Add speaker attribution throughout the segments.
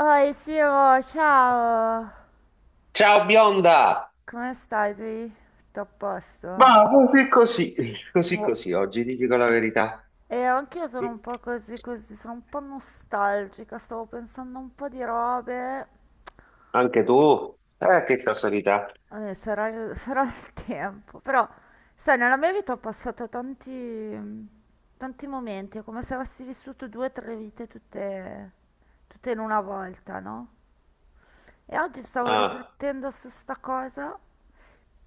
Speaker 1: Oi Siro, ciao!
Speaker 2: Ciao bionda!
Speaker 1: Come stai? Sei tutto a posto?
Speaker 2: Ma così così, così
Speaker 1: Oh.
Speaker 2: così oggi, ti dico la verità.
Speaker 1: E anch'io sono
Speaker 2: Sì.
Speaker 1: un po' così così, sono un po' nostalgica, stavo pensando a un po' di robe.
Speaker 2: Anche tu? Che casualità.
Speaker 1: Sarà sarà il tempo, però sai, nella mia vita ho passato tanti momenti, è come se avessi vissuto due o tre vite tutte in una volta, no? E oggi stavo
Speaker 2: Ah,
Speaker 1: riflettendo su sta cosa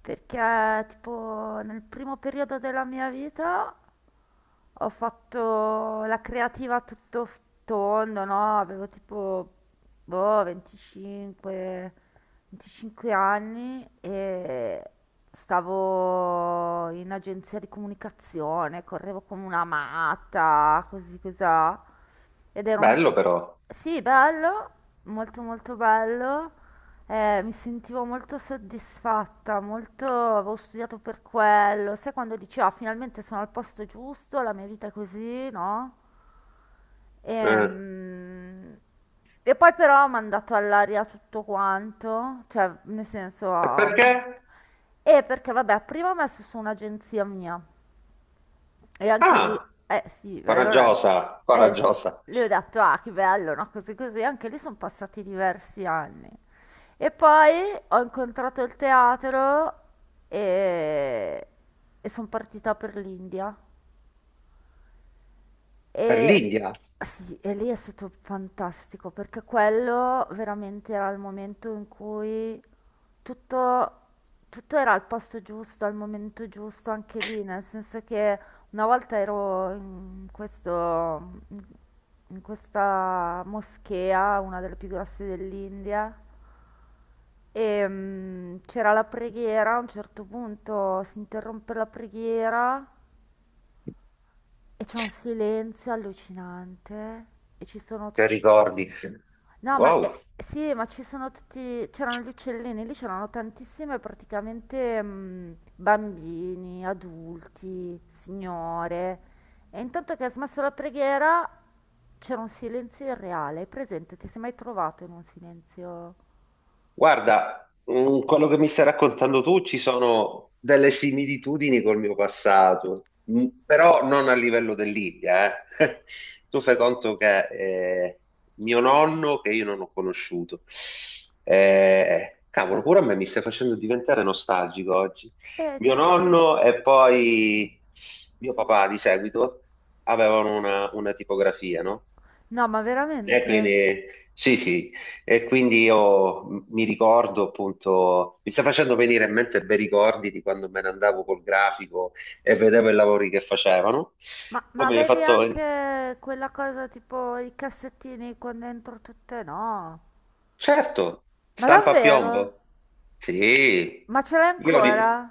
Speaker 1: perché tipo nel primo periodo della mia vita ho fatto la creativa a tondo, no? Avevo tipo boh, 25 anni e stavo in agenzia di comunicazione, correvo come una matta, così cosà. Ed era un
Speaker 2: bello
Speaker 1: tipo...
Speaker 2: però.
Speaker 1: Sì, bello, molto molto bello. Mi sentivo molto soddisfatta, molto... avevo studiato per quello. Sai quando dici, ah, finalmente sono al posto giusto, la mia vita è così, no?
Speaker 2: Eh,
Speaker 1: Ehm, Poi però ho mandato all'aria tutto quanto, cioè, nel senso...
Speaker 2: e perché?
Speaker 1: E perché, vabbè, prima ho messo su un'agenzia mia. E anche lì,
Speaker 2: Ah,
Speaker 1: eh sì, allora,
Speaker 2: coraggiosa,
Speaker 1: eh, s-
Speaker 2: coraggiosa.
Speaker 1: le ho detto, ah, che bello, no? Così così, anche lì sono passati diversi anni. E poi ho incontrato il teatro e, e sono partita per l'India.
Speaker 2: Per
Speaker 1: E
Speaker 2: l'India,
Speaker 1: sì, e lì è stato fantastico perché quello veramente era il momento in cui tutto, tutto era al posto giusto, al momento giusto, anche lì, nel senso che una volta ero in in questa moschea, una delle più grosse dell'India, e c'era la preghiera, a un certo punto si interrompe la preghiera e c'è un silenzio allucinante e ci sono
Speaker 2: che
Speaker 1: tutti...
Speaker 2: ricordi?
Speaker 1: No, ma
Speaker 2: Wow.
Speaker 1: sì, ma ci sono tutti, c'erano gli uccellini, lì c'erano tantissime praticamente bambini, adulti, signore. E intanto che ha smesso la preghiera c'era un silenzio irreale, hai presente? Ti sei mai trovato in un silenzio?
Speaker 2: Guarda, quello che mi stai raccontando tu ci sono delle similitudini col mio passato, però non a livello dell'India, eh. Tu fai conto che mio nonno, che io non ho conosciuto, cavolo, pure a me mi stai facendo diventare nostalgico oggi.
Speaker 1: Ci
Speaker 2: Mio
Speaker 1: sta.
Speaker 2: nonno e poi mio papà di seguito avevano una tipografia, no?
Speaker 1: No, ma
Speaker 2: E
Speaker 1: veramente?
Speaker 2: quindi, sì, sì, e quindi io mi ricordo appunto, mi sta facendo venire in mente bei ricordi di quando me ne andavo col grafico e vedevo i lavori che facevano.
Speaker 1: Ma
Speaker 2: Come hai
Speaker 1: avevi
Speaker 2: fatto?
Speaker 1: anche quella cosa tipo i cassettini con dentro tutte? No.
Speaker 2: Certo,
Speaker 1: Ma
Speaker 2: stampa a
Speaker 1: davvero?
Speaker 2: piombo. Sì,
Speaker 1: Ma ce l'hai
Speaker 2: io
Speaker 1: ancora?
Speaker 2: li,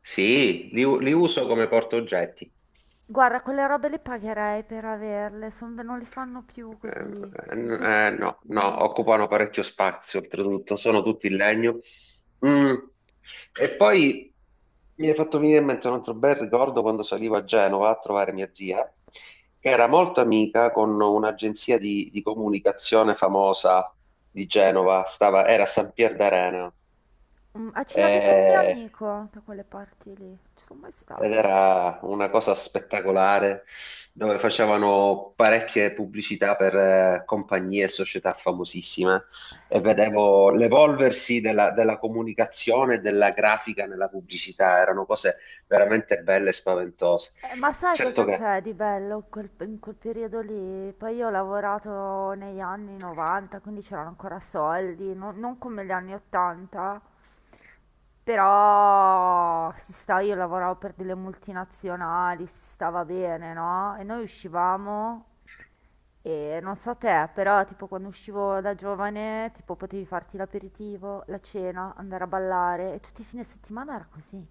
Speaker 2: sì, li uso come portaoggetti.
Speaker 1: Guarda, quelle robe le pagherei per averle, non le fanno più
Speaker 2: Ehm,
Speaker 1: così.
Speaker 2: Eh,
Speaker 1: Son
Speaker 2: n- eh, no, no,
Speaker 1: bellissime.
Speaker 2: occupano parecchio spazio, oltretutto, sono tutti in legno. Mm. E poi mi è fatto venire in mente un altro bel ricordo quando salivo a Genova a trovare mia zia, che era molto amica con un'agenzia di comunicazione famosa di Genova, era a San Pier d'Arena.
Speaker 1: Mm, a Cilapita ho un mio
Speaker 2: Eh,
Speaker 1: amico da quelle parti lì. Ci sono mai
Speaker 2: ed
Speaker 1: stata.
Speaker 2: era una cosa spettacolare dove facevano parecchie pubblicità per compagnie e società famosissime e vedevo l'evolversi della comunicazione e della grafica nella pubblicità, erano cose veramente belle e spaventose.
Speaker 1: Ma sai
Speaker 2: Certo
Speaker 1: cosa
Speaker 2: che
Speaker 1: c'è di bello in quel periodo lì? Poi io ho lavorato negli anni 90, quindi c'erano ancora soldi, non come gli anni 80, però si sta, io lavoravo per delle multinazionali, si stava bene, no? E noi uscivamo e non so te, però tipo quando uscivo da giovane, tipo potevi farti l'aperitivo, la cena, andare a ballare e tutti i fine settimana era così.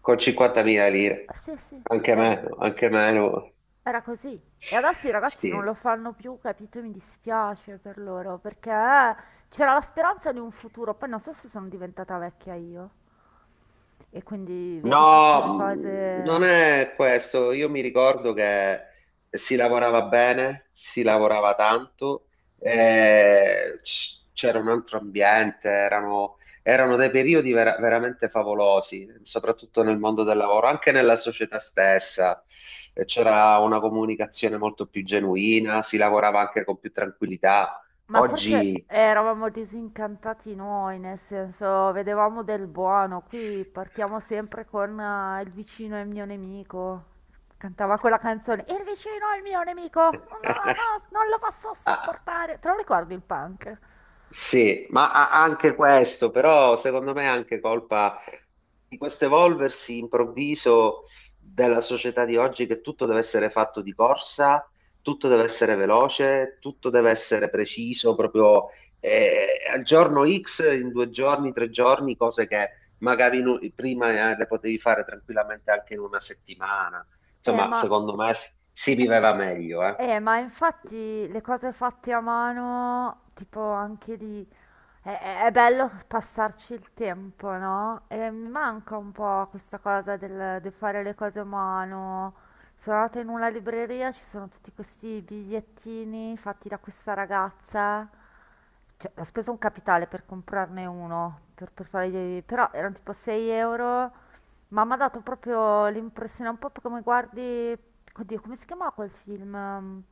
Speaker 2: con 50.000
Speaker 1: Ah,
Speaker 2: lire,
Speaker 1: sì, sì, era.
Speaker 2: anche meno,
Speaker 1: Era così. E adesso i ragazzi non lo
Speaker 2: sì.
Speaker 1: fanno più, capito? Mi dispiace per loro, perché c'era la speranza di un futuro, poi non so se sono diventata vecchia io. E quindi vedi tutte
Speaker 2: No,
Speaker 1: le
Speaker 2: non
Speaker 1: cose...
Speaker 2: è questo. Io mi ricordo che si lavorava bene, si lavorava tanto, c'era un altro ambiente, erano dei periodi veramente favolosi, soprattutto nel mondo del lavoro, anche nella società stessa. C'era una comunicazione molto più genuina, si lavorava anche con più tranquillità.
Speaker 1: Ma forse
Speaker 2: Oggi...
Speaker 1: eravamo disincantati noi, nel senso, vedevamo del buono. Qui partiamo sempre con il vicino è il mio nemico. Cantava quella canzone, il vicino è il mio nemico, no, no, no, non lo posso
Speaker 2: Ah,
Speaker 1: sopportare. Te lo ricordi il punk?
Speaker 2: sì, ma anche questo, però secondo me è anche colpa di questo evolversi improvviso della società di oggi che tutto deve essere fatto di corsa, tutto deve essere veloce, tutto deve essere preciso, proprio al giorno X, in 2 giorni, 3 giorni, cose che magari prima le potevi fare tranquillamente anche in una settimana.
Speaker 1: Eh,
Speaker 2: Insomma,
Speaker 1: ma,
Speaker 2: secondo me si
Speaker 1: eh,
Speaker 2: viveva meglio, eh.
Speaker 1: ma infatti le cose fatte a mano, tipo anche lì, è bello passarci il tempo, no? E mi manca un po' questa cosa di fare le cose a mano. Sono andata in una libreria, ci sono tutti questi bigliettini fatti da questa ragazza. Cioè, ho speso un capitale per comprarne uno, per fare però erano tipo 6 euro. Ma mi ha dato proprio l'impressione, un po' come guardi, oddio, come si chiamava quel film? Ehm,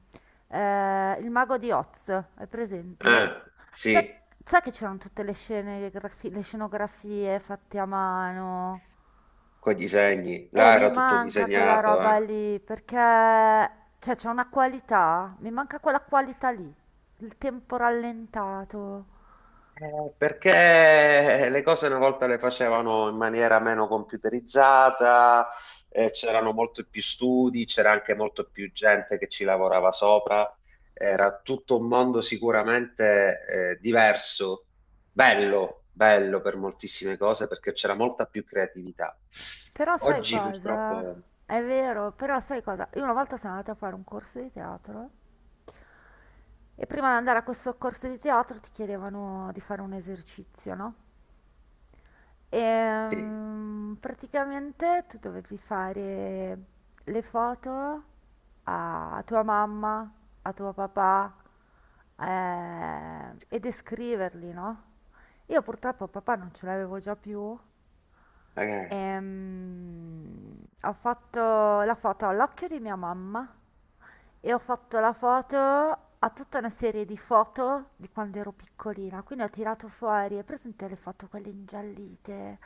Speaker 1: eh, Il mago di Oz, è
Speaker 2: Eh,
Speaker 1: presente? Sai,
Speaker 2: sì.
Speaker 1: sai che c'erano tutte le scene, le scenografie fatte a mano?
Speaker 2: Coi disegni,
Speaker 1: E
Speaker 2: là
Speaker 1: mi
Speaker 2: era tutto
Speaker 1: manca quella
Speaker 2: disegnato, eh.
Speaker 1: roba lì, perché cioè, c'è una qualità, mi manca quella qualità lì, il tempo rallentato.
Speaker 2: Perché le cose una volta le facevano in maniera meno computerizzata, c'erano molto più studi, c'era anche molto più gente che ci lavorava sopra, era tutto un mondo sicuramente, diverso, bello, bello per moltissime cose perché c'era molta più creatività.
Speaker 1: Però sai
Speaker 2: Oggi
Speaker 1: cosa?
Speaker 2: purtroppo,
Speaker 1: È vero, però sai cosa? Io una volta sono andata a fare un corso di teatro. E prima di andare a questo corso di teatro ti chiedevano di fare un esercizio, no? E
Speaker 2: sì,
Speaker 1: praticamente tu dovevi fare le foto a tua mamma, a tuo papà e descriverli, no? Io purtroppo papà non ce l'avevo già più.
Speaker 2: eh,
Speaker 1: Ehm, Ho fatto la foto all'occhio di mia mamma e ho fatto la foto a tutta una serie di foto di quando ero piccolina. Quindi ho tirato fuori, hai presente le foto quelle ingiallite,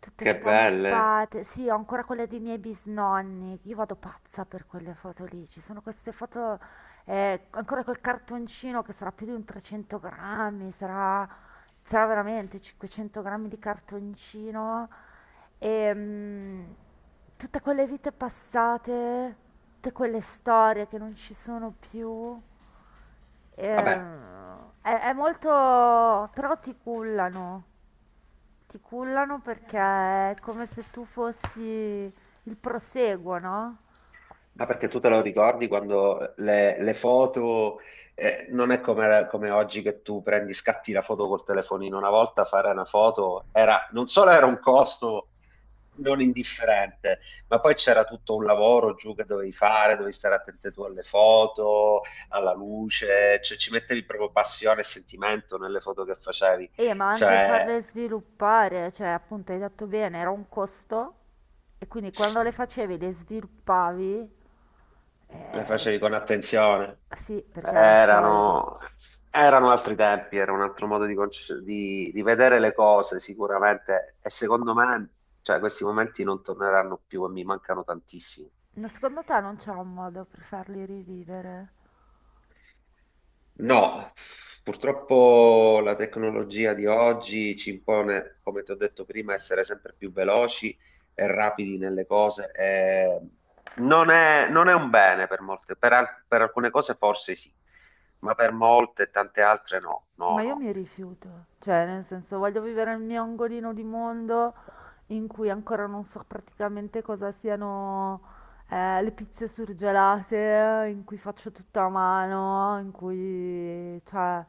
Speaker 1: tutte
Speaker 2: che belle.
Speaker 1: stampate? Sì, ho ancora quelle dei miei bisnonni. Io vado pazza per quelle foto lì. Ci sono queste foto, ancora quel cartoncino che sarà più di un 300 grammi, sarà veramente 500 grammi di cartoncino. Ehm, Tutte quelle vite passate, tutte quelle storie che non ci sono più,
Speaker 2: Vabbè,
Speaker 1: è molto... però ti cullano perché è come se tu fossi il proseguo, no?
Speaker 2: ah, perché tu te lo ricordi quando le foto, non è come oggi che tu scatti la foto col telefonino. Una volta fare una foto era, non solo era un costo non indifferente, ma poi c'era tutto un lavoro giù che dovevi fare, dovevi stare attento tu alle foto, alla luce, cioè ci mettevi proprio passione e sentimento nelle foto che facevi.
Speaker 1: E ma anche
Speaker 2: Cioè,
Speaker 1: farle sviluppare, cioè appunto hai detto bene, era un costo e quindi quando le facevi, le sviluppavi,
Speaker 2: le
Speaker 1: eh,
Speaker 2: facevi con attenzione.
Speaker 1: sì, perché era soldi.
Speaker 2: Erano, erano altri tempi, era un altro modo di vedere le cose sicuramente e secondo me cioè, questi momenti non torneranno più e mi mancano tantissimo.
Speaker 1: Ma secondo te non c'è un modo per farli rivivere?
Speaker 2: No, purtroppo la tecnologia di oggi ci impone, come ti ho detto prima, essere sempre più veloci e rapidi nelle cose. E non è un bene per molte, per alcune cose forse sì, ma per molte e tante altre no, no,
Speaker 1: Ma io
Speaker 2: no.
Speaker 1: mi rifiuto. Cioè, nel senso, voglio vivere nel mio angolino di mondo in cui ancora non so praticamente cosa siano le pizze surgelate, in cui faccio tutto a mano, in cui, cioè,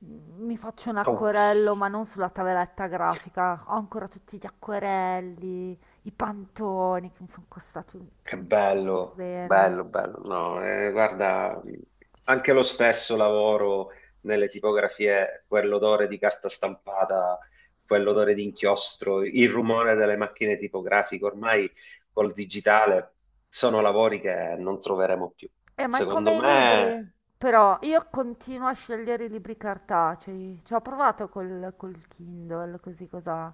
Speaker 1: mi faccio un
Speaker 2: Oh,
Speaker 1: acquerello, ma non sulla tavoletta grafica. Ho ancora tutti gli acquerelli, i pantoni che mi sono costati
Speaker 2: che
Speaker 1: un
Speaker 2: bello,
Speaker 1: rene.
Speaker 2: bello, bello. No, guarda, anche lo stesso lavoro nelle tipografie, quell'odore di carta stampata, quell'odore di inchiostro, il rumore delle macchine tipografiche, ormai col digitale sono lavori che non troveremo più.
Speaker 1: Ma è
Speaker 2: Secondo
Speaker 1: come i
Speaker 2: me
Speaker 1: libri. Però io continuo a scegliere i libri cartacei. Ci ho provato col Kindle, così cosa.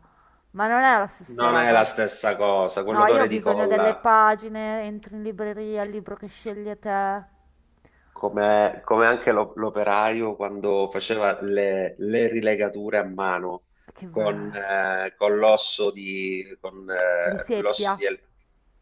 Speaker 1: Ma non è la stessa
Speaker 2: non è la
Speaker 1: roba.
Speaker 2: stessa cosa,
Speaker 1: No, io
Speaker 2: quell'odore
Speaker 1: ho
Speaker 2: di
Speaker 1: bisogno delle
Speaker 2: colla.
Speaker 1: pagine, entri in libreria, il libro che scegli te.
Speaker 2: Come anche l'operaio quando faceva le rilegature a mano
Speaker 1: Che
Speaker 2: con,
Speaker 1: bello.
Speaker 2: eh, con l'osso di,
Speaker 1: Riseppia.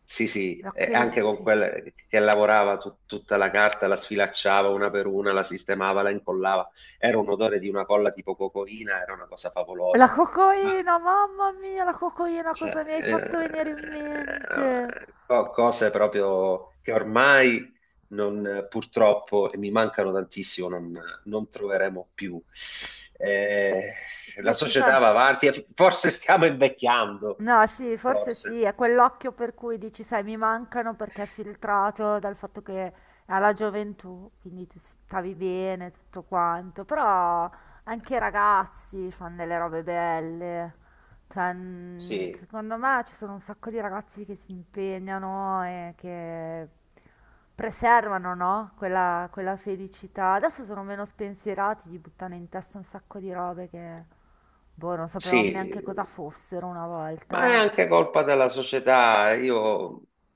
Speaker 2: sì, sì, e
Speaker 1: L'occhio
Speaker 2: anche con
Speaker 1: sì.
Speaker 2: quella che lavorava tutta la carta, la sfilacciava una per una, la sistemava, la incollava. Era un odore di una colla tipo cocoina, era una cosa
Speaker 1: La
Speaker 2: favolosa.
Speaker 1: cocoina, mamma mia, la cocoina,
Speaker 2: Cioè,
Speaker 1: cosa mi hai fatto venire in mente?
Speaker 2: cose proprio che ormai purtroppo, e mi mancano tantissimo, non troveremo più. Eh, la
Speaker 1: Beh, ci
Speaker 2: società va
Speaker 1: sono.
Speaker 2: avanti, e forse stiamo invecchiando,
Speaker 1: No, sì, forse sì,
Speaker 2: forse.
Speaker 1: è quell'occhio per cui dici, sai, mi mancano perché è filtrato dal fatto che alla gioventù, quindi tu stavi bene, tutto quanto, però anche i ragazzi fanno delle robe belle, cioè,
Speaker 2: Sì,
Speaker 1: secondo me ci sono un sacco di ragazzi che si impegnano e che preservano, no? Quella, quella felicità. Adesso sono meno spensierati, gli buttano in testa un sacco di robe che... Boh, non sapevamo neanche
Speaker 2: sì.
Speaker 1: cosa fossero una
Speaker 2: Ma è
Speaker 1: volta.
Speaker 2: anche colpa della società. Io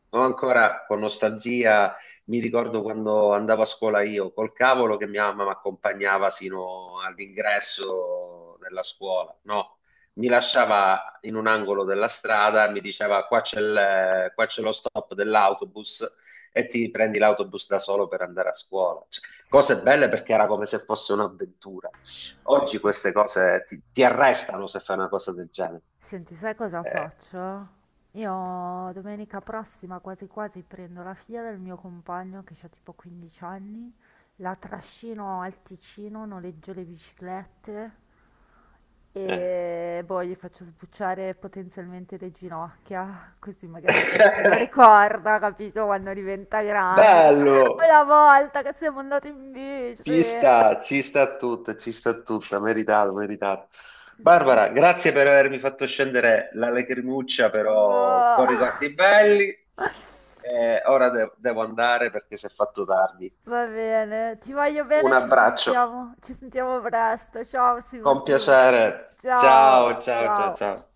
Speaker 2: ho ancora con nostalgia, mi ricordo quando andavo a scuola io, col cavolo che mia mamma mi accompagnava sino all'ingresso della scuola. No, mi lasciava in un angolo della strada, mi diceva qua c'è lo stop dell'autobus e ti prendi l'autobus da solo per andare a scuola. Cioè, cose belle perché era come se fosse un'avventura. Oggi
Speaker 1: Sì.
Speaker 2: queste cose ti arrestano se fai una cosa del genere.
Speaker 1: Senti, sai cosa
Speaker 2: Eh,
Speaker 1: faccio? Io domenica prossima quasi quasi prendo la figlia del mio compagno che ha tipo 15 anni, la trascino al Ticino, noleggio le biciclette
Speaker 2: eh.
Speaker 1: e boh, gli faccio sbucciare potenzialmente le ginocchia, così magari poi se lo ricorda, capito, quando diventa grande, dice, ah,
Speaker 2: Bello,
Speaker 1: quella volta che siamo andati in bici.
Speaker 2: ci sta tutta, meritato, meritato.
Speaker 1: Ci
Speaker 2: Barbara,
Speaker 1: sto.
Speaker 2: grazie per avermi fatto scendere la lacrimuccia, però
Speaker 1: Boh.
Speaker 2: con ricordi belli. Ora devo andare perché si è fatto tardi.
Speaker 1: Va bene, ti voglio
Speaker 2: Un
Speaker 1: bene, ci
Speaker 2: abbraccio,
Speaker 1: sentiamo. Ci sentiamo presto. Ciao Simo
Speaker 2: con
Speaker 1: Simo.
Speaker 2: piacere.
Speaker 1: Ciao,
Speaker 2: Ciao, ciao, ciao,
Speaker 1: ciao.
Speaker 2: ciao.